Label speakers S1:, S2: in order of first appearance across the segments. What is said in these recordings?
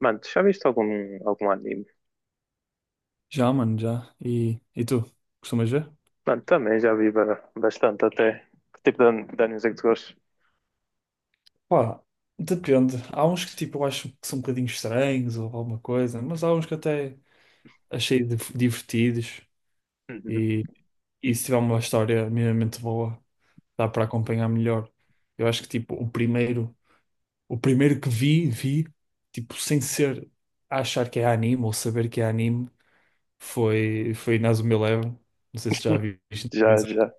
S1: Mano, tu já viste algum anime?
S2: Já, mano, já. E tu? Costumas ver?
S1: Mano, também já vi bastante até. Que tipo de, de animes é que tu gostas?
S2: Pá, depende. Há uns que tipo eu acho que são um bocadinho estranhos ou alguma coisa, mas há uns que até achei divertidos
S1: Uhum.
S2: e, e se tiver uma história minimamente boa, dá para acompanhar melhor. Eu acho que tipo o primeiro que vi, tipo sem ser a achar que é anime ou saber que é anime, foi Inazuma Eleven. Não sei se já viste,
S1: Já,
S2: dizem,
S1: já.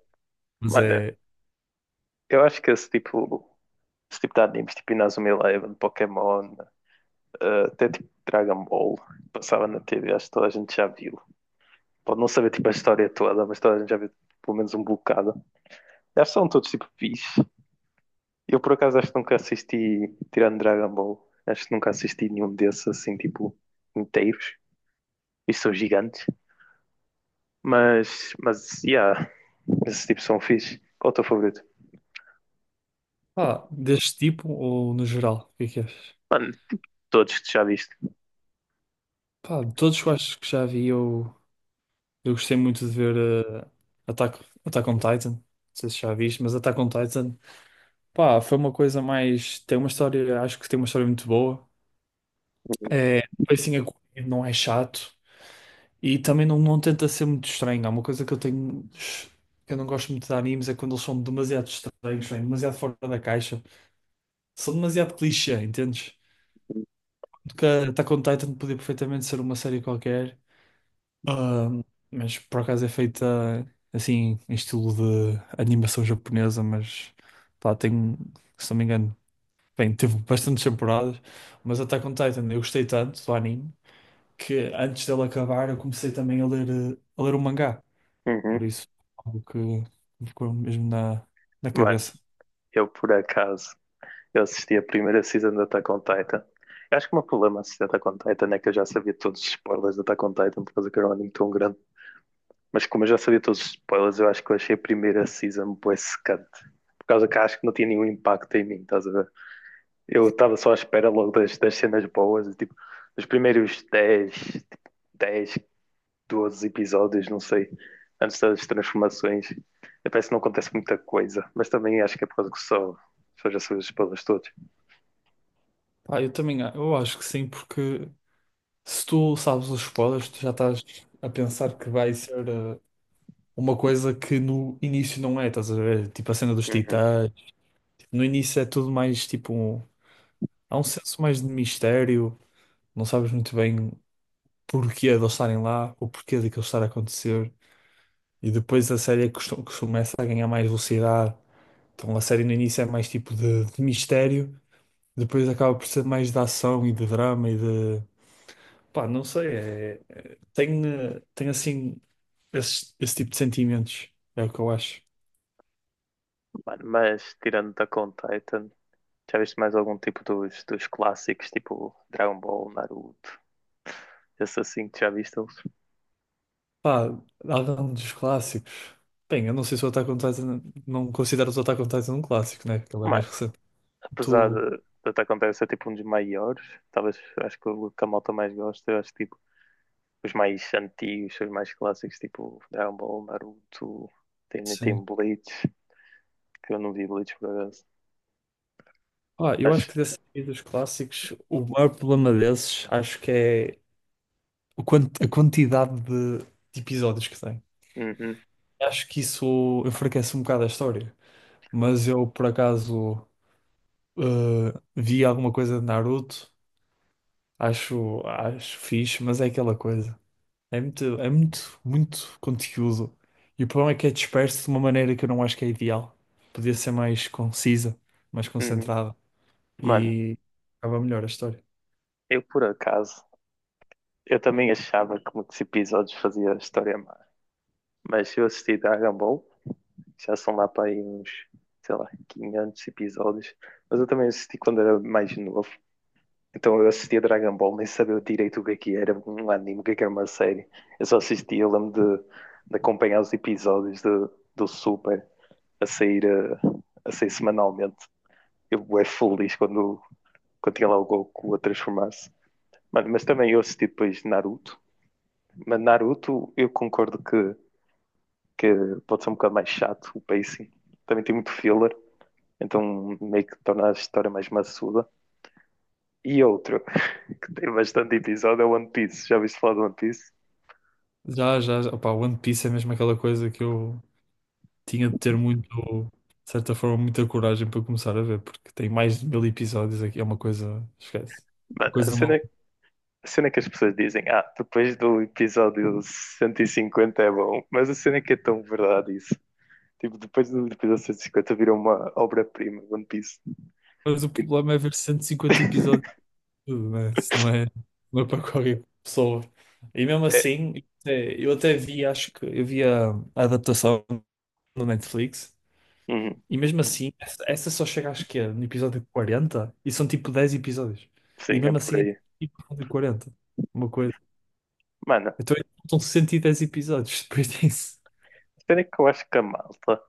S2: mas
S1: Mano,
S2: é,
S1: eu acho que esse tipo de animes, tipo Inazuma Eleven, Pokémon, até tipo Dragon Ball, passava na TV, acho que toda a gente já viu. Pode não saber tipo a história toda, mas toda a gente já viu pelo menos um bocado. Acho que são todos tipo fixe. Eu por acaso acho que nunca assisti, tirando Dragon Ball, acho que nunca assisti nenhum desses assim tipo inteiros. E são gigantes. Yeah, esse tipo são fixe. Qual é o teu favorito?
S2: pá, deste tipo ou no geral, o que é que achas?
S1: Mano, todos que tu já viste.
S2: Pá, de todos que eu acho que já vi, eu gostei muito de ver Attack, Attack on Titan. Não sei se já viste, mas Attack on Titan, pá, foi uma coisa mais. Tem uma história, acho que tem uma história muito boa. É, o pacing é corrido, não é chato e também não tenta ser muito estranho. Há uma coisa que eu tenho, que eu não gosto muito de animes é quando eles são demasiado estranhos, bem, demasiado fora da caixa, são demasiado clichê, entendes? Porque Attack on Titan podia perfeitamente ser uma série qualquer. Ah, mas por acaso é feita assim, em estilo de animação japonesa, mas pá, tem, se não me engano, bem, teve bastantes temporadas, mas Attack on Titan, eu gostei tanto do anime que antes dele acabar eu comecei também a ler o mangá,
S1: Uhum.
S2: por isso algo que me ficou mesmo na
S1: Mano,
S2: cabeça.
S1: eu por acaso, eu assisti a primeira season da Attack on Titan. Eu acho que o meu problema a assistir Attack on Titan é que eu já sabia todos os spoilers da Attack on Titan por causa que era um anime tão grande. Mas como eu já sabia todos os spoilers, eu acho que eu achei a primeira season bué secante. Por causa que acho que não tinha nenhum impacto em mim, estás a ver? Eu estava só à espera logo das cenas boas, e, tipo, os primeiros 10, 12 episódios, não sei, antes das transformações. E parece que não acontece muita coisa, mas também acho que é por causa só já são os spoilers todos.
S2: Pá, eu também eu acho que sim, porque se tu sabes os spoilers, tu já estás a pensar que vai ser uma coisa que no início não é, estás a ver? Tipo a cena dos
S1: Uhum.
S2: titãs. Tipo, no início é tudo mais tipo, há um senso mais de mistério, não sabes muito bem porquê de eles estarem lá, o porquê de aquilo estar a acontecer. E depois a série começa a ganhar mais velocidade. Então a série no início é mais tipo de mistério, depois acaba por ser mais de ação e de drama e de. Pá, não sei, tem assim esse tipo de sentimentos, é o que eu acho.
S1: Mano, mas tirando da on Titan, já viste mais algum tipo dos clássicos, tipo Dragon Ball, Naruto, esse assim que já viste eles?
S2: Pá, algum dos clássicos. Bem, eu não sei se o Attack on Titan. Não considero o Attack on Titan um clássico, né? Porque ele é
S1: Mano,
S2: mais recente.
S1: apesar
S2: Tu.
S1: de Attack on Titan ser tipo um dos maiores, talvez acho que o que a malta mais gosta, eu acho tipo os mais antigos, os mais clássicos, tipo Dragon Ball, Naruto,
S2: Sim.
S1: tem Bleach, que eu não vi Bleach por acaso.
S2: Ah, eu acho
S1: Mas,
S2: que desses aí dos clássicos, o maior problema desses, acho que é o a quantidade de episódios que tem.
S1: uhum,
S2: Acho que isso enfraquece um bocado a história. Mas eu, por acaso, vi alguma coisa de Naruto. Acho fixe, mas é aquela coisa. É muito, muito conteúdo. E o problema é que é disperso de uma maneira que eu não acho que é ideal. Podia ser mais concisa, mais
S1: uhum.
S2: concentrada.
S1: Mano,
S2: E acaba melhor a história.
S1: eu por acaso, eu também achava que muitos episódios fazia a história má. Mas eu assisti Dragon Ball, já são lá para aí uns, sei lá, 500 episódios. Mas eu também assisti quando era mais novo. Então eu assistia Dragon Ball, nem sabia direito o que é que era um anime, o que é que era uma série. Eu só assistia, de acompanhar os episódios do Super a sair, sair semanalmente. Eu é feliz quando tinha lá o Goku a transformar-se. Mano, mas também eu assisti depois Naruto. Mas Naruto, eu concordo que pode ser um bocado mais chato o pacing. Também tem muito filler, então meio que torna a história mais maçuda. E outro, que tem bastante episódio, é One Piece. Já ouviste falar de One Piece?
S2: Já, já, já. Opá, One Piece é mesmo aquela coisa que eu tinha de ter muito, de certa forma, muita coragem para começar a ver, porque tem mais de 1000 episódios aqui. É uma coisa, esquece.
S1: Mano,
S2: Uma coisa mal.
S1: a cena que as pessoas dizem, ah, depois do episódio 150 é bom, mas a cena é que é tão verdade isso. Tipo, depois do episódio 150 virou uma obra-prima, One Piece.
S2: Mas o problema é ver 150 episódios, né? Isso não é para qualquer pessoa. E mesmo
S1: É,
S2: assim, eu até vi, acho que eu vi a adaptação no Netflix,
S1: uhum,
S2: e mesmo assim, essa só chega acho que é no episódio 40 e são tipo 10 episódios. E
S1: sim, é
S2: mesmo
S1: por
S2: assim, é
S1: aí.
S2: tipo episódio 40 uma coisa.
S1: Mano, a
S2: Então, são 110 episódios depois disso.
S1: cena é que eu acho que a malta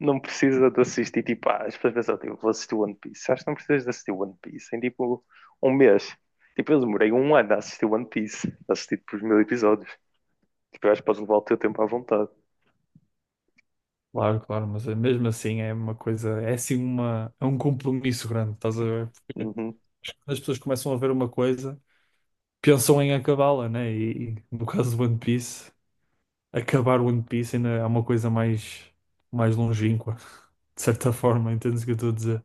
S1: não precisa de assistir, tipo, ah, as pessoas pensam, tipo, vou assistir One Piece. Acho que não precisas de assistir One Piece em, tipo, um mês. Tipo, eu demorei um ano a assistir One Piece, a assistir, tipo, os mil episódios. Tipo, eu acho que podes levar o teu tempo à vontade.
S2: Claro, mas mesmo assim é uma coisa, é assim uma, é um compromisso grande, estás a ver? Porque
S1: Uhum.
S2: quando as pessoas começam a ver uma coisa, pensam em acabá-la, né? E no caso do One Piece, acabar o One Piece ainda é uma coisa mais longínqua, de certa forma, entendes o que eu estou a dizer?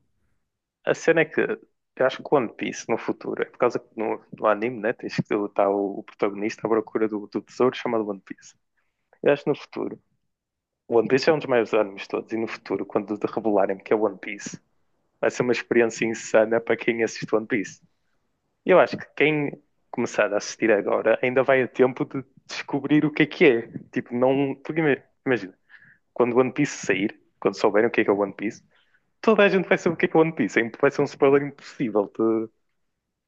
S1: A cena é que eu acho que o One Piece, no futuro, é por causa que no anime, né, tens que estar o protagonista à procura do tesouro chamado One Piece. Eu acho que no futuro, o One Piece é um dos maiores animes de todos, e no futuro, quando revelarem que é One Piece, vai ser uma experiência insana para quem assiste One Piece. Eu acho que quem começar a assistir agora ainda vai a tempo de descobrir o que é que é. Tipo, não. Porque imagina, quando One Piece sair, quando souberem o que é One Piece, toda a gente vai saber o que é One Piece. É vai ser um spoiler impossível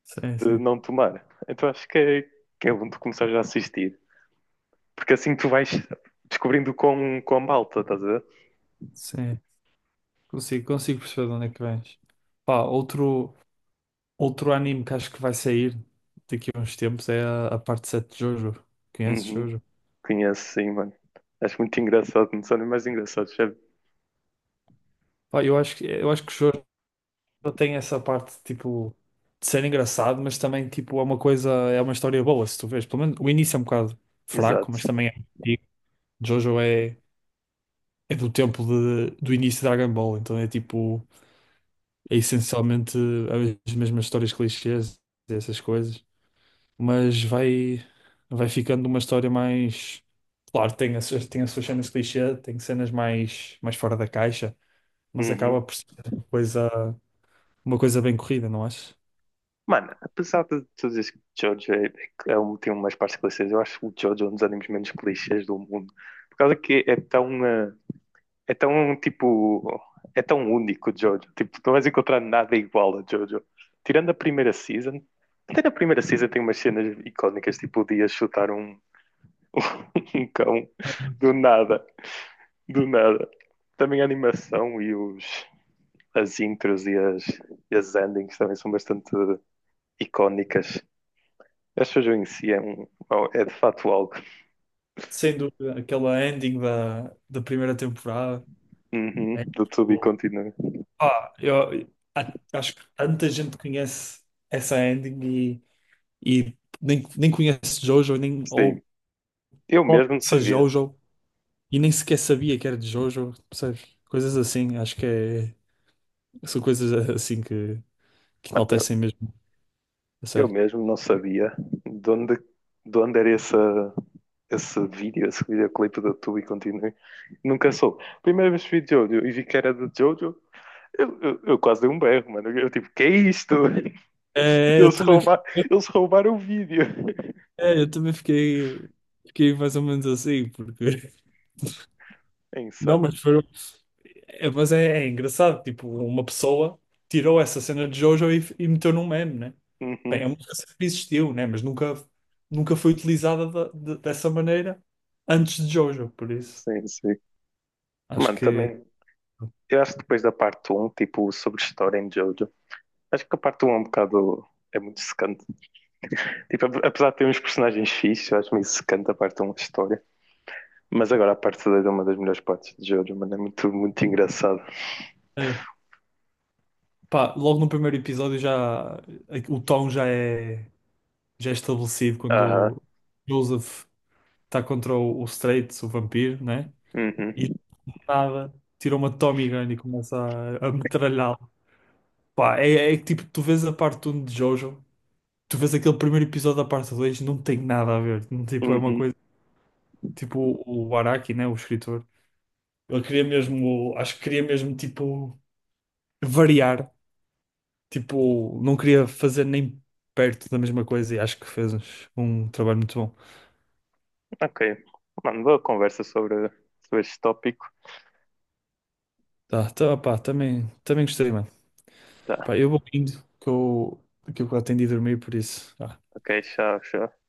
S2: Sim,
S1: de
S2: sim,
S1: não tomar. Então acho que é bom tu começar já a assistir. Porque assim tu vais descobrindo com a malta, estás a ver?
S2: sim. Consigo perceber de onde é que vens. Pá, outro anime que acho que vai sair daqui a uns tempos é a parte 7 de Jojo. Conheces
S1: Uhum.
S2: Jojo?
S1: Conheço, sim, mano. Acho muito engraçado, não são nem mais engraçados, sabe?
S2: Pá, eu acho que Jojo tem essa parte, tipo, de ser engraçado, mas também, tipo, é uma coisa, é uma história boa, se tu vês. Pelo menos o início é um bocado fraco, mas
S1: Exato.
S2: também é antigo. Jojo é do tempo do início de Dragon Ball, então é tipo, é essencialmente as mesmas histórias clichês, essas coisas, mas vai ficando uma história mais. Claro, tem as suas cenas clichê, tem cenas mais fora da caixa, mas
S1: Uhum.
S2: acaba por ser uma coisa, uma coisa bem corrida, não achas?
S1: Mano, apesar de tu dizeres que Jojo é um, tem umas partes clichês, eu acho que o Jojo é um dos animes menos clichês do mundo. Por causa que é tão, é tão tipo, é tão único o Jojo. Tipo, tu não vais encontrar nada igual a Jojo. Tirando a primeira season, até na primeira season tem umas cenas icónicas, tipo o Dia chutar um, um cão do nada, do nada. Também a animação as intros e as endings também são bastante icónicas. A shoujo em si é, um, é de facto algo
S2: Sem dúvida, aquela ending da primeira temporada.
S1: uhum,
S2: É
S1: do tudo e
S2: tipo,
S1: continua.
S2: pá, acho que tanta gente conhece essa ending e nem conhece Jojo, nem, ou
S1: Sim, eu
S2: pode
S1: mesmo não
S2: ser
S1: sabia.
S2: Jojo, e nem sequer sabia que era de Jojo, percebes? Coisas assim, acho que é, são coisas assim que
S1: Mano,
S2: enaltecem mesmo, a
S1: eu
S2: sério.
S1: mesmo não sabia de onde, de onde era essa, esse vídeo, esse videoclipe do tudo e continua. Nunca soube. Primeira vez que vi Jojo e vi que era de Jojo, eu quase dei um berro, mano. Eu tipo, que é isto?
S2: É, eu
S1: Eles,
S2: também, fi-
S1: rouba, eles roubaram o vídeo.
S2: é, eu também fiquei mais ou menos assim, porque.
S1: É
S2: Não,
S1: insano.
S2: mas, foi, é, mas é engraçado, tipo, uma pessoa tirou essa cena de Jojo e meteu num meme, né? Bem,
S1: Uhum,
S2: é uma coisa que existiu, né? Mas nunca foi utilizada dessa maneira antes de Jojo, por isso.
S1: sim, sim.
S2: Acho
S1: Mano,
S2: que
S1: também, eu acho que depois da parte um, tipo, sobre história em Jojo, acho que a parte um é um bocado. É muito secante. Tipo, apesar de ter uns personagens fixes, eu acho meio secante a parte um da história. Mas agora a parte 2 é uma das melhores partes de Jojo, mano. É muito, muito engraçado.
S2: é. Pá, logo no primeiro episódio já o tom já é estabelecido
S1: Aham.
S2: quando o Joseph está contra o Straits, o vampiro, né? E
S1: Uhum.
S2: do nada tira uma Tommy Gun e começa a metralhá-lo. Pá, é que tipo, tu vês a parte um de Jojo, tu vês aquele primeiro episódio da parte 2 não tem nada a ver. Não, tipo, é uma
S1: Uhum.
S2: coisa, tipo o Araki, né? O escritor. Ele queria mesmo, acho que queria mesmo tipo variar. Tipo, não queria fazer nem perto da mesma coisa e acho que fez um trabalho muito bom.
S1: Ok. Mano, boa conversa sobre, sobre este tópico.
S2: Tá, tá, pá, também gostei, mano.
S1: Tá.
S2: Pá, eu vou indo, que eu, que eu, quase tenho de ir dormir, por isso. Tá.
S1: Ok, tchau, tchau.